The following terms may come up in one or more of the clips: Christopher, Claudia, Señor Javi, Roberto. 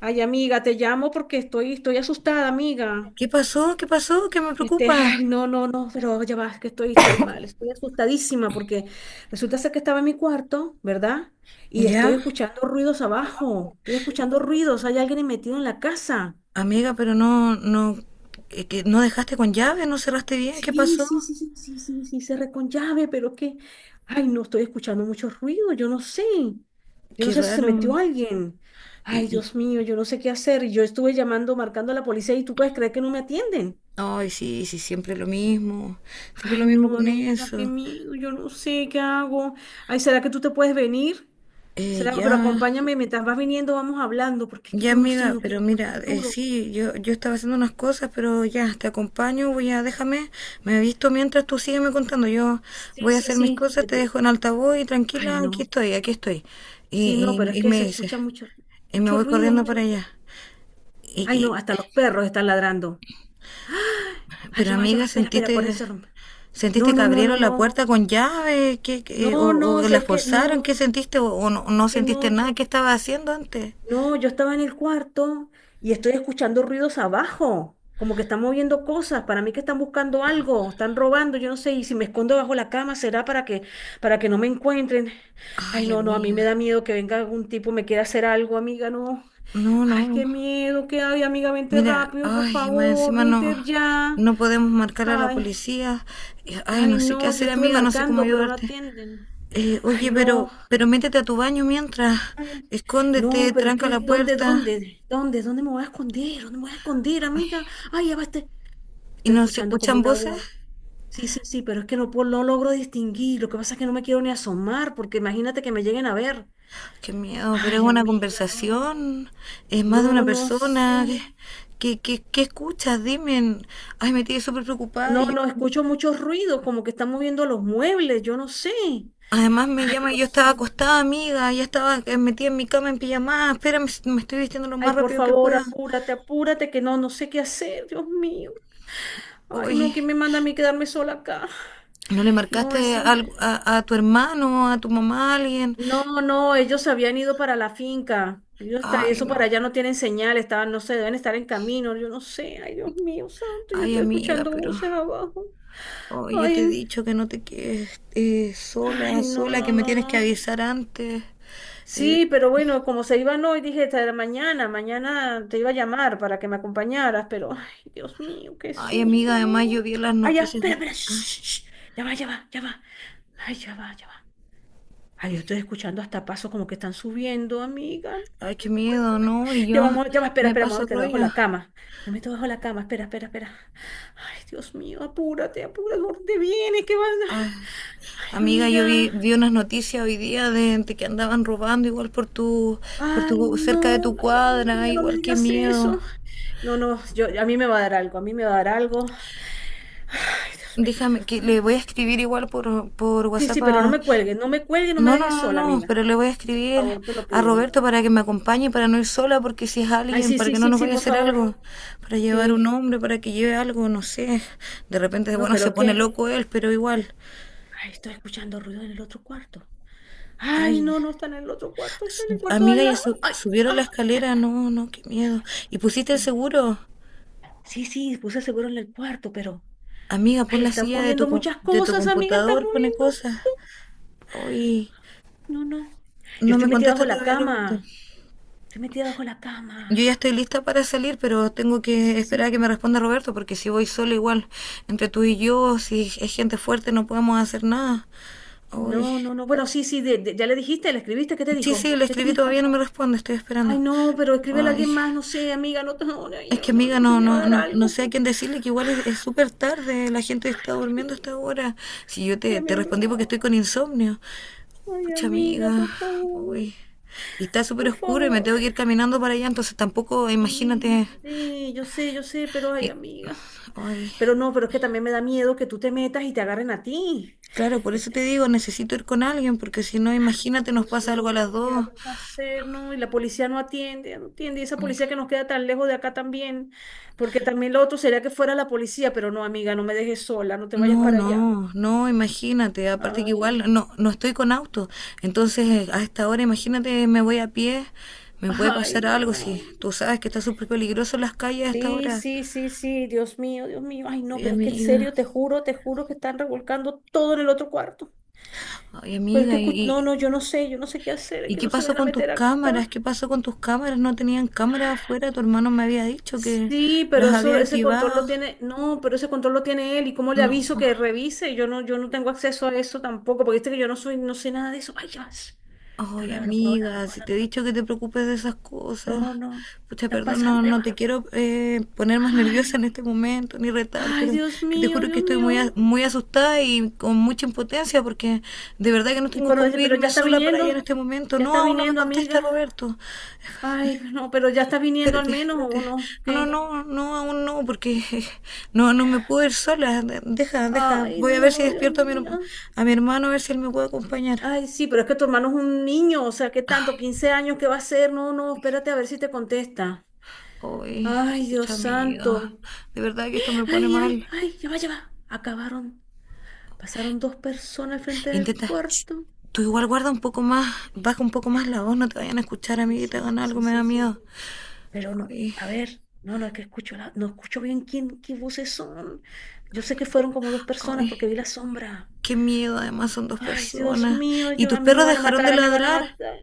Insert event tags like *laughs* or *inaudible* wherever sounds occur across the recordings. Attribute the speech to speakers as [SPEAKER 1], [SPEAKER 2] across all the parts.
[SPEAKER 1] Ay, amiga, te llamo porque estoy asustada, amiga.
[SPEAKER 2] ¿Qué pasó? ¿Qué pasó? ¿Qué me preocupa?
[SPEAKER 1] Ay, no, no, no, pero ya va, es que estoy mal, estoy asustadísima porque resulta ser que estaba en mi cuarto, ¿verdad? Y estoy
[SPEAKER 2] Ya,
[SPEAKER 1] escuchando ruidos abajo, estoy escuchando ruidos, hay alguien metido en la casa.
[SPEAKER 2] amiga, pero no, no, que no dejaste con llave, no cerraste bien, ¿qué
[SPEAKER 1] Sí,
[SPEAKER 2] pasó?
[SPEAKER 1] sí, sí, sí, sí, sí, sí, cerré con llave, pero es que, ay, no, estoy escuchando muchos ruidos, yo no
[SPEAKER 2] Qué
[SPEAKER 1] sé si se
[SPEAKER 2] raro.
[SPEAKER 1] metió alguien.
[SPEAKER 2] Y,
[SPEAKER 1] Ay,
[SPEAKER 2] y,
[SPEAKER 1] Dios mío, yo no sé qué hacer. Yo estuve llamando, marcando a la policía y tú puedes creer que no me atienden.
[SPEAKER 2] ay, sí, sí, siempre lo
[SPEAKER 1] Ay,
[SPEAKER 2] mismo
[SPEAKER 1] no,
[SPEAKER 2] con
[SPEAKER 1] amiga, qué
[SPEAKER 2] eso.
[SPEAKER 1] miedo, yo no sé qué hago. Ay, ¿será que tú te puedes venir?
[SPEAKER 2] Eh,
[SPEAKER 1] ¿Será? Pero
[SPEAKER 2] ya,
[SPEAKER 1] acompáñame, mientras vas viniendo vamos hablando, porque es que
[SPEAKER 2] ya,
[SPEAKER 1] yo no sé,
[SPEAKER 2] amiga,
[SPEAKER 1] no
[SPEAKER 2] pero
[SPEAKER 1] quiero
[SPEAKER 2] mira,
[SPEAKER 1] hablar duro.
[SPEAKER 2] sí, yo estaba haciendo unas cosas, pero ya, te acompaño, déjame, me he visto mientras tú sígueme contando, yo
[SPEAKER 1] Sí,
[SPEAKER 2] voy a
[SPEAKER 1] sí,
[SPEAKER 2] hacer mis
[SPEAKER 1] sí.
[SPEAKER 2] cosas, te dejo en altavoz y
[SPEAKER 1] Ay,
[SPEAKER 2] tranquila, aquí
[SPEAKER 1] no.
[SPEAKER 2] estoy, aquí estoy.
[SPEAKER 1] Sí, no, pero es
[SPEAKER 2] Y
[SPEAKER 1] que
[SPEAKER 2] me
[SPEAKER 1] se
[SPEAKER 2] dices.
[SPEAKER 1] escucha mucho,
[SPEAKER 2] Y me
[SPEAKER 1] mucho
[SPEAKER 2] voy
[SPEAKER 1] ruido,
[SPEAKER 2] corriendo
[SPEAKER 1] mucho
[SPEAKER 2] para
[SPEAKER 1] ruido.
[SPEAKER 2] allá. Y,
[SPEAKER 1] Ay, no,
[SPEAKER 2] y-
[SPEAKER 1] hasta los perros están ladrando. Ay,
[SPEAKER 2] pero
[SPEAKER 1] ya va,
[SPEAKER 2] amiga,
[SPEAKER 1] espera, espera, por
[SPEAKER 2] ¿sentiste,
[SPEAKER 1] eso. No,
[SPEAKER 2] sentiste que
[SPEAKER 1] no, no, no,
[SPEAKER 2] abrieron la
[SPEAKER 1] no.
[SPEAKER 2] puerta con llave? O,
[SPEAKER 1] No, no,
[SPEAKER 2] ¿o
[SPEAKER 1] es
[SPEAKER 2] la
[SPEAKER 1] que
[SPEAKER 2] forzaron?
[SPEAKER 1] no,
[SPEAKER 2] ¿Qué sentiste? ¿O no,
[SPEAKER 1] es
[SPEAKER 2] no
[SPEAKER 1] que no.
[SPEAKER 2] sentiste nada? ¿Qué estaba haciendo antes?
[SPEAKER 1] No, yo estaba en el cuarto y estoy escuchando ruidos abajo, como que están moviendo cosas, para mí que están buscando algo, están robando, yo no sé, y si me escondo bajo la cama será para que no me encuentren. Ay,
[SPEAKER 2] Ay,
[SPEAKER 1] no, no, a mí me
[SPEAKER 2] amiga.
[SPEAKER 1] da miedo que venga algún tipo me quiera hacer algo, amiga, no.
[SPEAKER 2] No,
[SPEAKER 1] Ay,
[SPEAKER 2] no.
[SPEAKER 1] qué miedo, qué hay, amiga, vente
[SPEAKER 2] Mira,
[SPEAKER 1] rápido, por
[SPEAKER 2] ay, más
[SPEAKER 1] favor,
[SPEAKER 2] encima no,
[SPEAKER 1] vente ya.
[SPEAKER 2] no podemos marcar a la
[SPEAKER 1] Ay,
[SPEAKER 2] policía. Ay,
[SPEAKER 1] ay,
[SPEAKER 2] no sé qué
[SPEAKER 1] no, yo
[SPEAKER 2] hacer,
[SPEAKER 1] estuve
[SPEAKER 2] amiga, no sé cómo
[SPEAKER 1] marcando, pero no
[SPEAKER 2] ayudarte.
[SPEAKER 1] atienden. Ay,
[SPEAKER 2] Oye,
[SPEAKER 1] no.
[SPEAKER 2] pero métete a tu baño mientras.
[SPEAKER 1] Ay, no,
[SPEAKER 2] Escóndete,
[SPEAKER 1] pero es
[SPEAKER 2] tranca
[SPEAKER 1] que
[SPEAKER 2] la
[SPEAKER 1] ¿dónde,
[SPEAKER 2] puerta.
[SPEAKER 1] dónde, dónde, dónde me voy a esconder? ¿Dónde me voy a esconder, amiga? Ay, ya va
[SPEAKER 2] ¿Y
[SPEAKER 1] estoy
[SPEAKER 2] no se
[SPEAKER 1] escuchando como
[SPEAKER 2] escuchan
[SPEAKER 1] una
[SPEAKER 2] voces?
[SPEAKER 1] voz. Sí, sí, sí, pero es que no, no logro distinguir. Lo que pasa es que no me quiero ni asomar, porque imagínate que me lleguen a ver.
[SPEAKER 2] Qué miedo, pero es
[SPEAKER 1] Ay,
[SPEAKER 2] una
[SPEAKER 1] amiga, no,
[SPEAKER 2] conversación, es más de una
[SPEAKER 1] no, no
[SPEAKER 2] persona.
[SPEAKER 1] sé.
[SPEAKER 2] ¿Qué escuchas? Dime. Ay, me tiene súper preocupada.
[SPEAKER 1] No, no, escucho mucho ruido, como que están moviendo los muebles, yo no sé.
[SPEAKER 2] Además me
[SPEAKER 1] Ay,
[SPEAKER 2] llama,
[SPEAKER 1] no
[SPEAKER 2] yo
[SPEAKER 1] sé.
[SPEAKER 2] estaba acostada, amiga, ya estaba metida en mi cama en pijamada. Espérame, me estoy vistiendo lo
[SPEAKER 1] Ay,
[SPEAKER 2] más
[SPEAKER 1] por
[SPEAKER 2] rápido que
[SPEAKER 1] favor,
[SPEAKER 2] pueda.
[SPEAKER 1] apúrate, apúrate, que no, no sé qué hacer, Dios mío. Ay, no,
[SPEAKER 2] Oye,
[SPEAKER 1] ¿quién me manda a mí quedarme sola acá?
[SPEAKER 2] ¿no le
[SPEAKER 1] No,
[SPEAKER 2] marcaste
[SPEAKER 1] encima-
[SPEAKER 2] algo a tu hermano, a tu mamá, a alguien?
[SPEAKER 1] no, no, ellos se habían ido para la finca. Ellos está,
[SPEAKER 2] Ay,
[SPEAKER 1] eso para
[SPEAKER 2] no.
[SPEAKER 1] allá no tienen señal, estaban, no sé, deben estar en camino, yo no sé, ay Dios mío, santo, yo
[SPEAKER 2] Ay,
[SPEAKER 1] estoy
[SPEAKER 2] amiga,
[SPEAKER 1] escuchando
[SPEAKER 2] pero…
[SPEAKER 1] voces abajo.
[SPEAKER 2] ay, yo te he
[SPEAKER 1] Ay,
[SPEAKER 2] dicho que no te quedes
[SPEAKER 1] ay,
[SPEAKER 2] sola,
[SPEAKER 1] no,
[SPEAKER 2] sola, que
[SPEAKER 1] no,
[SPEAKER 2] me
[SPEAKER 1] no,
[SPEAKER 2] tienes que
[SPEAKER 1] no.
[SPEAKER 2] avisar antes. Eh,
[SPEAKER 1] Sí, pero bueno, como se iban hoy, dije, "Esta era mañana, mañana te iba a llamar para que me acompañaras", pero, ay, Dios mío, qué
[SPEAKER 2] Ay, amiga,
[SPEAKER 1] susto, ¿no?
[SPEAKER 2] además yo vi las
[SPEAKER 1] Ay, ya,
[SPEAKER 2] noticias.
[SPEAKER 1] espera, espera, shh,
[SPEAKER 2] Ay,
[SPEAKER 1] shh, shh, ya va, ya va, ya va. Ay, ya va, ya va. Ay, yo estoy escuchando hasta pasos como que están subiendo, amiga.
[SPEAKER 2] ay, qué
[SPEAKER 1] Me muero,
[SPEAKER 2] miedo, ¿no? Y
[SPEAKER 1] ya
[SPEAKER 2] yo
[SPEAKER 1] vamos, ya va, espera,
[SPEAKER 2] me
[SPEAKER 1] espera, me voy a
[SPEAKER 2] paso
[SPEAKER 1] meter debajo de
[SPEAKER 2] rollo.
[SPEAKER 1] la cama. Me meto debajo de la cama, espera, espera, espera. Ay, Dios mío, apúrate, apúrate, ¿dónde vienes? ¿Qué vas?
[SPEAKER 2] Ay,
[SPEAKER 1] Ay,
[SPEAKER 2] amiga, yo vi,
[SPEAKER 1] amiga.
[SPEAKER 2] vi unas noticias hoy día de que andaban robando igual por
[SPEAKER 1] Ay,
[SPEAKER 2] tu, cerca de
[SPEAKER 1] no,
[SPEAKER 2] tu
[SPEAKER 1] ay,
[SPEAKER 2] cuadra.
[SPEAKER 1] amiga,
[SPEAKER 2] Ay,
[SPEAKER 1] no me
[SPEAKER 2] igual, qué
[SPEAKER 1] digas
[SPEAKER 2] miedo.
[SPEAKER 1] eso. No, no, yo, a mí me va a dar algo, a mí me va a dar algo. Ay, Dios mío,
[SPEAKER 2] Déjame,
[SPEAKER 1] Dios
[SPEAKER 2] que
[SPEAKER 1] mío.
[SPEAKER 2] le voy a escribir igual por
[SPEAKER 1] Sí,
[SPEAKER 2] WhatsApp
[SPEAKER 1] sí, pero no
[SPEAKER 2] a…
[SPEAKER 1] me cuelgues, no me cuelgues, no me
[SPEAKER 2] No, no,
[SPEAKER 1] dejes
[SPEAKER 2] no,
[SPEAKER 1] sola,
[SPEAKER 2] no,
[SPEAKER 1] amiga.
[SPEAKER 2] pero le voy a
[SPEAKER 1] Por
[SPEAKER 2] escribir
[SPEAKER 1] favor, te lo
[SPEAKER 2] a
[SPEAKER 1] pido.
[SPEAKER 2] Roberto para que me acompañe, para no ir sola, porque si es
[SPEAKER 1] Ay,
[SPEAKER 2] alguien,
[SPEAKER 1] sí,
[SPEAKER 2] para
[SPEAKER 1] sí,
[SPEAKER 2] que no
[SPEAKER 1] sí,
[SPEAKER 2] nos
[SPEAKER 1] sí,
[SPEAKER 2] vaya a
[SPEAKER 1] por
[SPEAKER 2] hacer
[SPEAKER 1] favor.
[SPEAKER 2] algo, para llevar un
[SPEAKER 1] Sí.
[SPEAKER 2] hombre, para que lleve algo, no sé. De repente,
[SPEAKER 1] No,
[SPEAKER 2] bueno,
[SPEAKER 1] pero
[SPEAKER 2] se
[SPEAKER 1] es
[SPEAKER 2] pone
[SPEAKER 1] que
[SPEAKER 2] loco él, pero igual.
[SPEAKER 1] ay, estoy escuchando ruido en el otro cuarto. Ay,
[SPEAKER 2] Ay,
[SPEAKER 1] no, no está en el otro cuarto, está en el cuarto de
[SPEAKER 2] amiga,
[SPEAKER 1] al
[SPEAKER 2] ya
[SPEAKER 1] lado. Ay,
[SPEAKER 2] subieron la
[SPEAKER 1] ah.
[SPEAKER 2] escalera, no, no, qué miedo. ¿Y pusiste el
[SPEAKER 1] te-
[SPEAKER 2] seguro?
[SPEAKER 1] Sí, sí, puse seguro en el cuarto, pero.
[SPEAKER 2] Amiga, pon
[SPEAKER 1] Ay,
[SPEAKER 2] la
[SPEAKER 1] están
[SPEAKER 2] silla de tu,
[SPEAKER 1] moviendo muchas
[SPEAKER 2] de tu
[SPEAKER 1] cosas, amiga, están
[SPEAKER 2] computador, pone
[SPEAKER 1] moviendo.
[SPEAKER 2] cosas. Ay,
[SPEAKER 1] No, no. Yo
[SPEAKER 2] no
[SPEAKER 1] estoy
[SPEAKER 2] me
[SPEAKER 1] metida
[SPEAKER 2] contesta
[SPEAKER 1] bajo la
[SPEAKER 2] todavía Roberto.
[SPEAKER 1] cama. Estoy metida bajo la
[SPEAKER 2] Yo ya
[SPEAKER 1] cama.
[SPEAKER 2] estoy lista para salir, pero tengo que
[SPEAKER 1] Sí, sí.
[SPEAKER 2] esperar a que me responda Roberto, porque si voy sola igual, entre tú y yo, si es gente fuerte, no podemos hacer nada. Uy.
[SPEAKER 1] No, no, no. Bueno, sí, sí, ya le dijiste, le escribiste, ¿qué te
[SPEAKER 2] Sí, sí,
[SPEAKER 1] dijo?
[SPEAKER 2] le
[SPEAKER 1] ¿Qué te
[SPEAKER 2] escribí, todavía
[SPEAKER 1] dijo?
[SPEAKER 2] no me responde, estoy
[SPEAKER 1] Ay,
[SPEAKER 2] esperando.
[SPEAKER 1] no, pero escríbele a
[SPEAKER 2] Ay.
[SPEAKER 1] alguien más, no sé, amiga, no, no, no,
[SPEAKER 2] Es que
[SPEAKER 1] yo no,
[SPEAKER 2] amiga,
[SPEAKER 1] no, se
[SPEAKER 2] no,
[SPEAKER 1] me va a
[SPEAKER 2] no,
[SPEAKER 1] dar
[SPEAKER 2] no, no
[SPEAKER 1] algo.
[SPEAKER 2] sé a quién decirle que igual es súper tarde, la gente está
[SPEAKER 1] Ay,
[SPEAKER 2] durmiendo hasta ahora. Si yo te,
[SPEAKER 1] qué me-
[SPEAKER 2] te respondí porque estoy con insomnio.
[SPEAKER 1] ay,
[SPEAKER 2] Pucha
[SPEAKER 1] amiga,
[SPEAKER 2] amiga,
[SPEAKER 1] por favor,
[SPEAKER 2] uy. Y está súper
[SPEAKER 1] por
[SPEAKER 2] oscuro y me
[SPEAKER 1] favor.
[SPEAKER 2] tengo que ir caminando para allá, entonces tampoco,
[SPEAKER 1] Sí, yo
[SPEAKER 2] imagínate.
[SPEAKER 1] sé, yo sé, yo sé, pero ay,
[SPEAKER 2] y-
[SPEAKER 1] amiga.
[SPEAKER 2] Ay.
[SPEAKER 1] Pero no, pero es que también me da miedo que tú te metas y te agarren a ti.
[SPEAKER 2] Claro, por eso te
[SPEAKER 1] Este,
[SPEAKER 2] digo, necesito ir con alguien, porque si no, imagínate, nos
[SPEAKER 1] Dios
[SPEAKER 2] pasa algo a
[SPEAKER 1] mío,
[SPEAKER 2] las
[SPEAKER 1] ¿qué
[SPEAKER 2] dos.
[SPEAKER 1] vamos a hacer? No, y la policía no atiende, no atiende. Y esa policía que nos queda tan lejos de acá también. Porque también lo otro sería que fuera la policía, pero no, amiga, no me dejes sola, no te vayas
[SPEAKER 2] No,
[SPEAKER 1] para allá.
[SPEAKER 2] no, no, imagínate. Aparte que igual
[SPEAKER 1] Ay,
[SPEAKER 2] no, no estoy con auto. Entonces, a esta hora, imagínate, me voy a pie, me puede
[SPEAKER 1] ay,
[SPEAKER 2] pasar algo. Si
[SPEAKER 1] no.
[SPEAKER 2] tú sabes que está súper peligroso en las calles a esta
[SPEAKER 1] Sí,
[SPEAKER 2] hora.
[SPEAKER 1] sí, sí, sí, Dios mío, Dios mío. Ay, no,
[SPEAKER 2] Ay,
[SPEAKER 1] pero es que en
[SPEAKER 2] amiga,
[SPEAKER 1] serio, te juro que están revolcando todo en el otro cuarto.
[SPEAKER 2] ay,
[SPEAKER 1] Pero es
[SPEAKER 2] amiga,
[SPEAKER 1] que, no,
[SPEAKER 2] y
[SPEAKER 1] no, yo no sé qué hacer, es
[SPEAKER 2] y
[SPEAKER 1] que
[SPEAKER 2] ¿qué
[SPEAKER 1] no se
[SPEAKER 2] pasó
[SPEAKER 1] vayan a
[SPEAKER 2] con tus
[SPEAKER 1] meter acá.
[SPEAKER 2] cámaras? ¿Qué pasó con tus cámaras? ¿No tenían cámaras afuera? Tu hermano me había dicho que
[SPEAKER 1] Sí, pero
[SPEAKER 2] las
[SPEAKER 1] eso,
[SPEAKER 2] había
[SPEAKER 1] ese control
[SPEAKER 2] activado.
[SPEAKER 1] lo tiene, no, pero ese control lo tiene él. ¿Y cómo le
[SPEAKER 2] No.
[SPEAKER 1] aviso que revise? Yo no, yo no tengo acceso a eso tampoco, porque viste que yo no soy, no sé nada de eso. Ay, ya. No,
[SPEAKER 2] Ay,
[SPEAKER 1] no, no puedo hablar, no
[SPEAKER 2] amiga,
[SPEAKER 1] puedo
[SPEAKER 2] si
[SPEAKER 1] hablar.
[SPEAKER 2] te he dicho que te preocupes de esas cosas.
[SPEAKER 1] No, no.
[SPEAKER 2] Pucha,
[SPEAKER 1] Están
[SPEAKER 2] perdón, no,
[SPEAKER 1] pasando, ya
[SPEAKER 2] no
[SPEAKER 1] va.
[SPEAKER 2] te quiero poner más *laughs* nerviosa
[SPEAKER 1] Ay,
[SPEAKER 2] en este momento ni retar,
[SPEAKER 1] ay,
[SPEAKER 2] pero
[SPEAKER 1] Dios
[SPEAKER 2] que te
[SPEAKER 1] mío,
[SPEAKER 2] juro que
[SPEAKER 1] Dios
[SPEAKER 2] estoy muy,
[SPEAKER 1] mío.
[SPEAKER 2] muy asustada y con mucha impotencia porque de verdad que no
[SPEAKER 1] Y
[SPEAKER 2] tengo cómo
[SPEAKER 1] pero
[SPEAKER 2] irme sola para allá en este momento.
[SPEAKER 1] ya
[SPEAKER 2] No,
[SPEAKER 1] está
[SPEAKER 2] aún no me
[SPEAKER 1] viniendo,
[SPEAKER 2] contesta
[SPEAKER 1] amiga.
[SPEAKER 2] Roberto.
[SPEAKER 1] Ay, no, pero ya está viniendo al
[SPEAKER 2] Espérate,
[SPEAKER 1] menos,
[SPEAKER 2] espérate.
[SPEAKER 1] ¿o no?
[SPEAKER 2] No, no,
[SPEAKER 1] ¿Qué?
[SPEAKER 2] no, no, aún no, porque *laughs* no, no me puedo ir sola. Deja, deja.
[SPEAKER 1] Ay,
[SPEAKER 2] Voy a ver si
[SPEAKER 1] no, Dios
[SPEAKER 2] despierto a mi,
[SPEAKER 1] mío.
[SPEAKER 2] a mi hermano, a ver si él me puede acompañar.
[SPEAKER 1] Ay, sí, pero es que tu hermano es un niño, o sea, ¿qué tanto? ¿15 años? ¿Qué va a hacer? No, no, espérate a ver si te contesta.
[SPEAKER 2] Uy,
[SPEAKER 1] Ay, Dios
[SPEAKER 2] mucha amiga,
[SPEAKER 1] santo.
[SPEAKER 2] de verdad que esto me pone
[SPEAKER 1] Ay, ay,
[SPEAKER 2] mal.
[SPEAKER 1] ay, ya va, ya va. Acabaron. Pasaron dos personas al frente del
[SPEAKER 2] Intenta, ch,
[SPEAKER 1] cuarto.
[SPEAKER 2] tú igual guarda un poco más, baja un poco más la voz, no te vayan a escuchar,
[SPEAKER 1] Sí,
[SPEAKER 2] amiga, y te
[SPEAKER 1] sí,
[SPEAKER 2] hagan
[SPEAKER 1] sí,
[SPEAKER 2] algo,
[SPEAKER 1] sí,
[SPEAKER 2] me da
[SPEAKER 1] sí, sí.
[SPEAKER 2] miedo.
[SPEAKER 1] Pero no,
[SPEAKER 2] Ay,
[SPEAKER 1] a ver, no, no, es que escucho, no escucho bien quién, qué voces son. Yo sé que fueron como dos personas porque
[SPEAKER 2] ay,
[SPEAKER 1] vi la sombra.
[SPEAKER 2] qué miedo, además son dos
[SPEAKER 1] Ay, Dios
[SPEAKER 2] personas.
[SPEAKER 1] mío,
[SPEAKER 2] ¿Y
[SPEAKER 1] yo,
[SPEAKER 2] tus
[SPEAKER 1] a mí me
[SPEAKER 2] perros
[SPEAKER 1] van a
[SPEAKER 2] dejaron
[SPEAKER 1] matar,
[SPEAKER 2] de
[SPEAKER 1] a mí me van a
[SPEAKER 2] ladrar?
[SPEAKER 1] matar.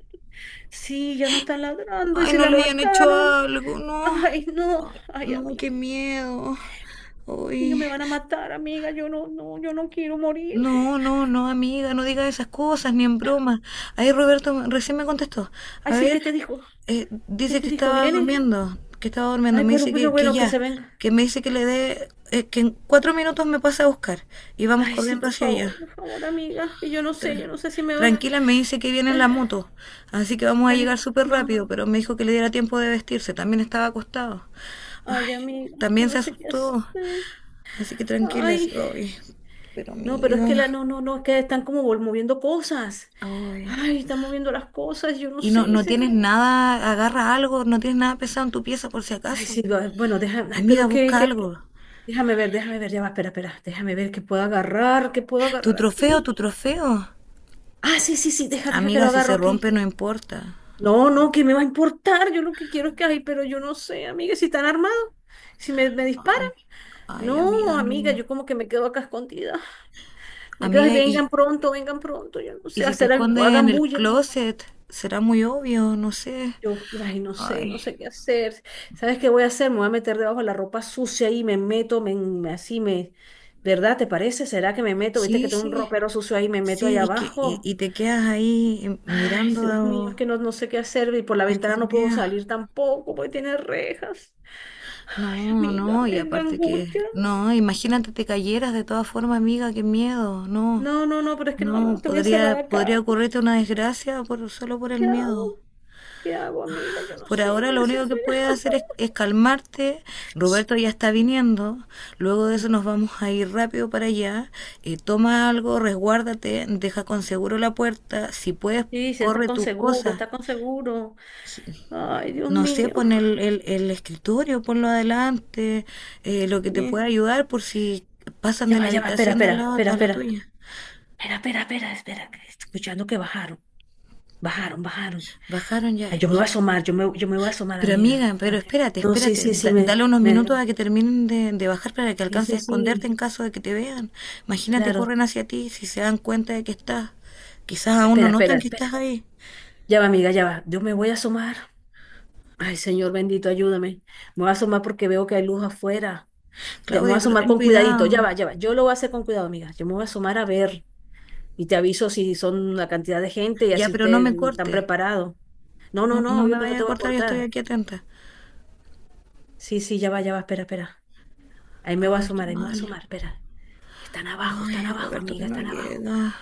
[SPEAKER 1] Sí, ya no están ladrando y
[SPEAKER 2] Ay,
[SPEAKER 1] si
[SPEAKER 2] no
[SPEAKER 1] la
[SPEAKER 2] le hayan hecho
[SPEAKER 1] mataron.
[SPEAKER 2] algo, no.
[SPEAKER 1] Ay, no,
[SPEAKER 2] Ay,
[SPEAKER 1] ay,
[SPEAKER 2] no,
[SPEAKER 1] amigo,
[SPEAKER 2] qué miedo.
[SPEAKER 1] mío,
[SPEAKER 2] Uy.
[SPEAKER 1] me van a matar, amiga, yo no, no, yo no quiero morir.
[SPEAKER 2] No, no, no, amiga, no digas esas cosas, ni en broma. Ahí Roberto recién me contestó.
[SPEAKER 1] Ay,
[SPEAKER 2] A
[SPEAKER 1] sí,
[SPEAKER 2] ver,
[SPEAKER 1] ¿qué te dijo? ¿Qué
[SPEAKER 2] dice
[SPEAKER 1] te
[SPEAKER 2] que
[SPEAKER 1] dijo?
[SPEAKER 2] estaba
[SPEAKER 1] ¿Viene?
[SPEAKER 2] durmiendo, que estaba durmiendo.
[SPEAKER 1] Ay,
[SPEAKER 2] Me dice
[SPEAKER 1] pero
[SPEAKER 2] que
[SPEAKER 1] bueno, que
[SPEAKER 2] ya,
[SPEAKER 1] se venga.
[SPEAKER 2] que me dice que le dé, que en 4 minutos me pasa a buscar y vamos
[SPEAKER 1] Ay, sí,
[SPEAKER 2] corriendo hacia allá.
[SPEAKER 1] por favor, amiga, que yo
[SPEAKER 2] Tra-
[SPEAKER 1] no sé si me va.
[SPEAKER 2] Tranquila, me dice que viene en
[SPEAKER 1] eh,
[SPEAKER 2] la moto, así que vamos a
[SPEAKER 1] ya ni
[SPEAKER 2] llegar súper
[SPEAKER 1] no.
[SPEAKER 2] rápido, pero me dijo que le diera tiempo de vestirse, también estaba acostado.
[SPEAKER 1] Ay,
[SPEAKER 2] Ay,
[SPEAKER 1] amiga, yo
[SPEAKER 2] también
[SPEAKER 1] no
[SPEAKER 2] se
[SPEAKER 1] sé qué
[SPEAKER 2] asustó,
[SPEAKER 1] hacer.
[SPEAKER 2] así que tranquila, así,
[SPEAKER 1] Ay,
[SPEAKER 2] ay, pero
[SPEAKER 1] no, pero es
[SPEAKER 2] amigo,
[SPEAKER 1] que la, no, no, no, es que están como moviendo cosas.
[SPEAKER 2] ay.
[SPEAKER 1] Ay, están moviendo las cosas, yo no
[SPEAKER 2] Y no,
[SPEAKER 1] sé,
[SPEAKER 2] no
[SPEAKER 1] sí.
[SPEAKER 2] tienes nada, agarra algo, no tienes nada pesado en tu pieza por si
[SPEAKER 1] Ay,
[SPEAKER 2] acaso.
[SPEAKER 1] sí, bueno, déjame, ay, pero
[SPEAKER 2] Amiga,
[SPEAKER 1] qué,
[SPEAKER 2] busca
[SPEAKER 1] qué,
[SPEAKER 2] algo.
[SPEAKER 1] déjame ver, ya va, espera, espera, déjame ver qué puedo
[SPEAKER 2] Tu
[SPEAKER 1] agarrar
[SPEAKER 2] trofeo, tu
[SPEAKER 1] aquí.
[SPEAKER 2] trofeo.
[SPEAKER 1] Ah, sí, sí, sí, deja, deja que
[SPEAKER 2] Amiga,
[SPEAKER 1] lo
[SPEAKER 2] si
[SPEAKER 1] agarro
[SPEAKER 2] se rompe
[SPEAKER 1] aquí.
[SPEAKER 2] no importa.
[SPEAKER 1] No, no, ¿qué me va a importar? Yo lo que quiero es que, ay, pero yo no sé, amiga, si están armados, si me disparan.
[SPEAKER 2] Ay, ay, amiga,
[SPEAKER 1] No, amiga,
[SPEAKER 2] no.
[SPEAKER 1] yo como que me quedo acá escondida. Me quedo, ay,
[SPEAKER 2] Amiga,
[SPEAKER 1] vengan pronto, yo no
[SPEAKER 2] y
[SPEAKER 1] sé,
[SPEAKER 2] si te
[SPEAKER 1] hacer,
[SPEAKER 2] escondes en
[SPEAKER 1] hagan
[SPEAKER 2] el
[SPEAKER 1] bulla.
[SPEAKER 2] closet, será muy obvio, no sé.
[SPEAKER 1] Yo, ay, no sé, no
[SPEAKER 2] Ay,
[SPEAKER 1] sé qué hacer. ¿Sabes qué voy a hacer? Me voy a meter debajo de la ropa sucia y me meto, así me, ¿verdad? ¿Te parece? ¿Será que me meto? ¿Viste
[SPEAKER 2] sí,
[SPEAKER 1] que tengo un
[SPEAKER 2] sí,
[SPEAKER 1] ropero sucio ahí y me meto ahí
[SPEAKER 2] sí,
[SPEAKER 1] abajo?
[SPEAKER 2] y te quedas ahí
[SPEAKER 1] Ay,
[SPEAKER 2] mirando
[SPEAKER 1] Dios mío, es que no, no sé qué hacer y por la ventana no puedo
[SPEAKER 2] escondida.
[SPEAKER 1] salir tampoco porque tiene rejas. Ay,
[SPEAKER 2] No,
[SPEAKER 1] amiga,
[SPEAKER 2] no, y
[SPEAKER 1] qué
[SPEAKER 2] aparte que,
[SPEAKER 1] angustia.
[SPEAKER 2] no, imagínate te cayeras de todas formas, amiga, qué miedo, no,
[SPEAKER 1] No, no, no, pero es que no, no,
[SPEAKER 2] no,
[SPEAKER 1] estoy
[SPEAKER 2] podría,
[SPEAKER 1] encerrada
[SPEAKER 2] podría
[SPEAKER 1] acá.
[SPEAKER 2] ocurrirte una desgracia por, solo por el
[SPEAKER 1] ¿Qué
[SPEAKER 2] miedo.
[SPEAKER 1] hago? ¿Qué hago, amiga? Yo no
[SPEAKER 2] Por
[SPEAKER 1] sé,
[SPEAKER 2] ahora
[SPEAKER 1] estoy
[SPEAKER 2] lo único que puedes
[SPEAKER 1] desesperada.
[SPEAKER 2] hacer es calmarte.
[SPEAKER 1] *laughs*
[SPEAKER 2] Roberto ya está viniendo, luego de eso nos vamos a ir rápido para allá, toma algo, resguárdate, deja con seguro la puerta, si puedes,
[SPEAKER 1] Sí, sí, está
[SPEAKER 2] corre
[SPEAKER 1] con
[SPEAKER 2] tus
[SPEAKER 1] seguro,
[SPEAKER 2] cosas,
[SPEAKER 1] está con seguro. Ay, Dios
[SPEAKER 2] no sé,
[SPEAKER 1] mío.
[SPEAKER 2] pon el escritorio, ponlo adelante, lo que te
[SPEAKER 1] Eh,
[SPEAKER 2] pueda ayudar por si pasan de la
[SPEAKER 1] Ya va, espera,
[SPEAKER 2] habitación de
[SPEAKER 1] espera,
[SPEAKER 2] al lado
[SPEAKER 1] espera,
[SPEAKER 2] a la
[SPEAKER 1] espera,
[SPEAKER 2] tuya.
[SPEAKER 1] espera, espera, espera, espera, que estoy escuchando que bajaron, bajaron, bajaron.
[SPEAKER 2] Bajaron
[SPEAKER 1] Ay,
[SPEAKER 2] ya
[SPEAKER 1] yo me voy a
[SPEAKER 2] y…
[SPEAKER 1] asomar, yo me voy a asomar,
[SPEAKER 2] Pero
[SPEAKER 1] amiga.
[SPEAKER 2] amiga, pero espérate,
[SPEAKER 1] No, sí,
[SPEAKER 2] espérate,
[SPEAKER 1] sí, sí,
[SPEAKER 2] dale unos
[SPEAKER 1] me,
[SPEAKER 2] minutos a que terminen de bajar para que
[SPEAKER 1] sí,
[SPEAKER 2] alcance
[SPEAKER 1] sí,
[SPEAKER 2] a esconderte
[SPEAKER 1] sí,
[SPEAKER 2] en caso de que te vean. Imagínate,
[SPEAKER 1] claro.
[SPEAKER 2] corren hacia ti si se dan cuenta de que estás. Quizás aún no
[SPEAKER 1] Espera, espera,
[SPEAKER 2] notan que estás
[SPEAKER 1] espera.
[SPEAKER 2] ahí.
[SPEAKER 1] Ya va, amiga, ya va. Yo me voy a asomar. Ay, Señor bendito, ayúdame. Me voy a asomar porque veo que hay luz afuera. Me voy a
[SPEAKER 2] Claudia, pero
[SPEAKER 1] asomar
[SPEAKER 2] ten
[SPEAKER 1] con cuidadito.
[SPEAKER 2] cuidado.
[SPEAKER 1] Ya va, ya va. Yo lo voy a hacer con cuidado, amiga. Yo me voy a asomar a ver y te aviso si son la cantidad de gente y
[SPEAKER 2] Ya,
[SPEAKER 1] así
[SPEAKER 2] pero no
[SPEAKER 1] ustedes
[SPEAKER 2] me
[SPEAKER 1] están
[SPEAKER 2] cortes.
[SPEAKER 1] preparados. No, no,
[SPEAKER 2] No,
[SPEAKER 1] no,
[SPEAKER 2] no me
[SPEAKER 1] obvio que no
[SPEAKER 2] vayas
[SPEAKER 1] te
[SPEAKER 2] a
[SPEAKER 1] voy a
[SPEAKER 2] cortar, yo estoy
[SPEAKER 1] cortar.
[SPEAKER 2] aquí atenta.
[SPEAKER 1] Sí, sí, ya va, espera, espera. Ahí me voy a
[SPEAKER 2] Ay, qué
[SPEAKER 1] asomar, ahí me voy a
[SPEAKER 2] mal.
[SPEAKER 1] asomar, espera. Están
[SPEAKER 2] Ay,
[SPEAKER 1] abajo,
[SPEAKER 2] Roberto, que
[SPEAKER 1] amiga,
[SPEAKER 2] no
[SPEAKER 1] están abajo.
[SPEAKER 2] llega.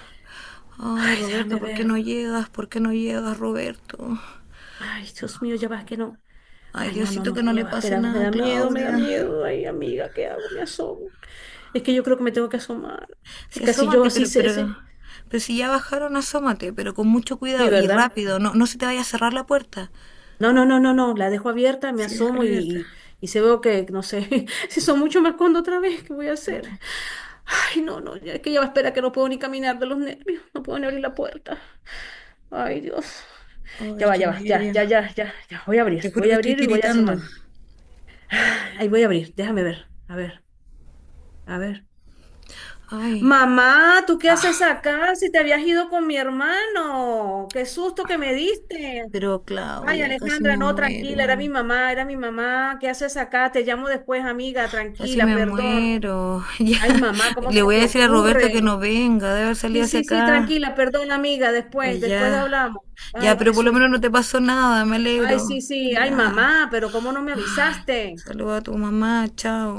[SPEAKER 2] Ay,
[SPEAKER 1] Ay,
[SPEAKER 2] Roberto,
[SPEAKER 1] déjame
[SPEAKER 2] ¿por qué
[SPEAKER 1] ver.
[SPEAKER 2] no llegas? ¿Por qué no llegas, Roberto?
[SPEAKER 1] Ay, Dios mío, ya va, que no.
[SPEAKER 2] Ay,
[SPEAKER 1] Ay, no, no,
[SPEAKER 2] Diosito,
[SPEAKER 1] no,
[SPEAKER 2] que no
[SPEAKER 1] que ya
[SPEAKER 2] le
[SPEAKER 1] va,
[SPEAKER 2] pase
[SPEAKER 1] espera, me
[SPEAKER 2] nada a
[SPEAKER 1] da miedo, me da
[SPEAKER 2] Claudia.
[SPEAKER 1] miedo. Ay, amiga, ¿qué hago? Me asomo. Es que yo creo que me tengo que asomar,
[SPEAKER 2] Sí,
[SPEAKER 1] porque así yo
[SPEAKER 2] asómate,
[SPEAKER 1] sí sé, sí,
[SPEAKER 2] pero si ya bajaron, asómate, pero con mucho cuidado
[SPEAKER 1] sí,
[SPEAKER 2] y
[SPEAKER 1] ¿verdad?
[SPEAKER 2] rápido, no, no se te vaya a cerrar la puerta.
[SPEAKER 1] No, no, no, no, no, la dejo abierta, me
[SPEAKER 2] Sí, déjala
[SPEAKER 1] asomo
[SPEAKER 2] abierta.
[SPEAKER 1] y se veo que, no sé, *laughs* si son mucho me escondo otra vez, ¿qué voy a hacer?
[SPEAKER 2] Ay,
[SPEAKER 1] Ay, no, no, es que ya va, espera, que no puedo ni caminar de los nervios, no puedo ni abrir la puerta. Ay, Dios. Ya
[SPEAKER 2] ay,
[SPEAKER 1] va,
[SPEAKER 2] qué
[SPEAKER 1] ya va, ya,
[SPEAKER 2] nervio.
[SPEAKER 1] ya, ya, ya, ya.
[SPEAKER 2] Te juro
[SPEAKER 1] Voy
[SPEAKER 2] que
[SPEAKER 1] a
[SPEAKER 2] estoy
[SPEAKER 1] abrir y voy a
[SPEAKER 2] tiritando.
[SPEAKER 1] asomarme. *sighs* Ahí voy a abrir, déjame ver, a ver, a ver.
[SPEAKER 2] Ay,
[SPEAKER 1] Mamá, ¿tú qué haces
[SPEAKER 2] ah,
[SPEAKER 1] acá? Si te habías ido con mi hermano. Qué susto que me diste.
[SPEAKER 2] pero
[SPEAKER 1] Ay,
[SPEAKER 2] Claudia, casi
[SPEAKER 1] Alejandra,
[SPEAKER 2] me
[SPEAKER 1] no, tranquila, era mi
[SPEAKER 2] muero.
[SPEAKER 1] mamá, era mi mamá. ¿Qué haces acá? Te llamo después, amiga,
[SPEAKER 2] Casi
[SPEAKER 1] tranquila,
[SPEAKER 2] me
[SPEAKER 1] perdón.
[SPEAKER 2] muero. *laughs* Ya.
[SPEAKER 1] Ay, mamá, ¿cómo
[SPEAKER 2] Le
[SPEAKER 1] se
[SPEAKER 2] voy a
[SPEAKER 1] te
[SPEAKER 2] decir a Roberto que
[SPEAKER 1] ocurre?
[SPEAKER 2] no venga, debe haber salido
[SPEAKER 1] Sí,
[SPEAKER 2] hacia
[SPEAKER 1] sí, sí,
[SPEAKER 2] acá.
[SPEAKER 1] tranquila, perdón, amiga, después,
[SPEAKER 2] Pues
[SPEAKER 1] después
[SPEAKER 2] ya.
[SPEAKER 1] hablamos.
[SPEAKER 2] Ya,
[SPEAKER 1] Ay,
[SPEAKER 2] pero
[SPEAKER 1] qué
[SPEAKER 2] por lo
[SPEAKER 1] susto.
[SPEAKER 2] menos no te pasó nada, me
[SPEAKER 1] Ay,
[SPEAKER 2] alegro.
[SPEAKER 1] sí, sí, ay,
[SPEAKER 2] Ya.
[SPEAKER 1] mamá, pero ¿cómo no me avisaste?
[SPEAKER 2] Saluda a tu mamá, chao.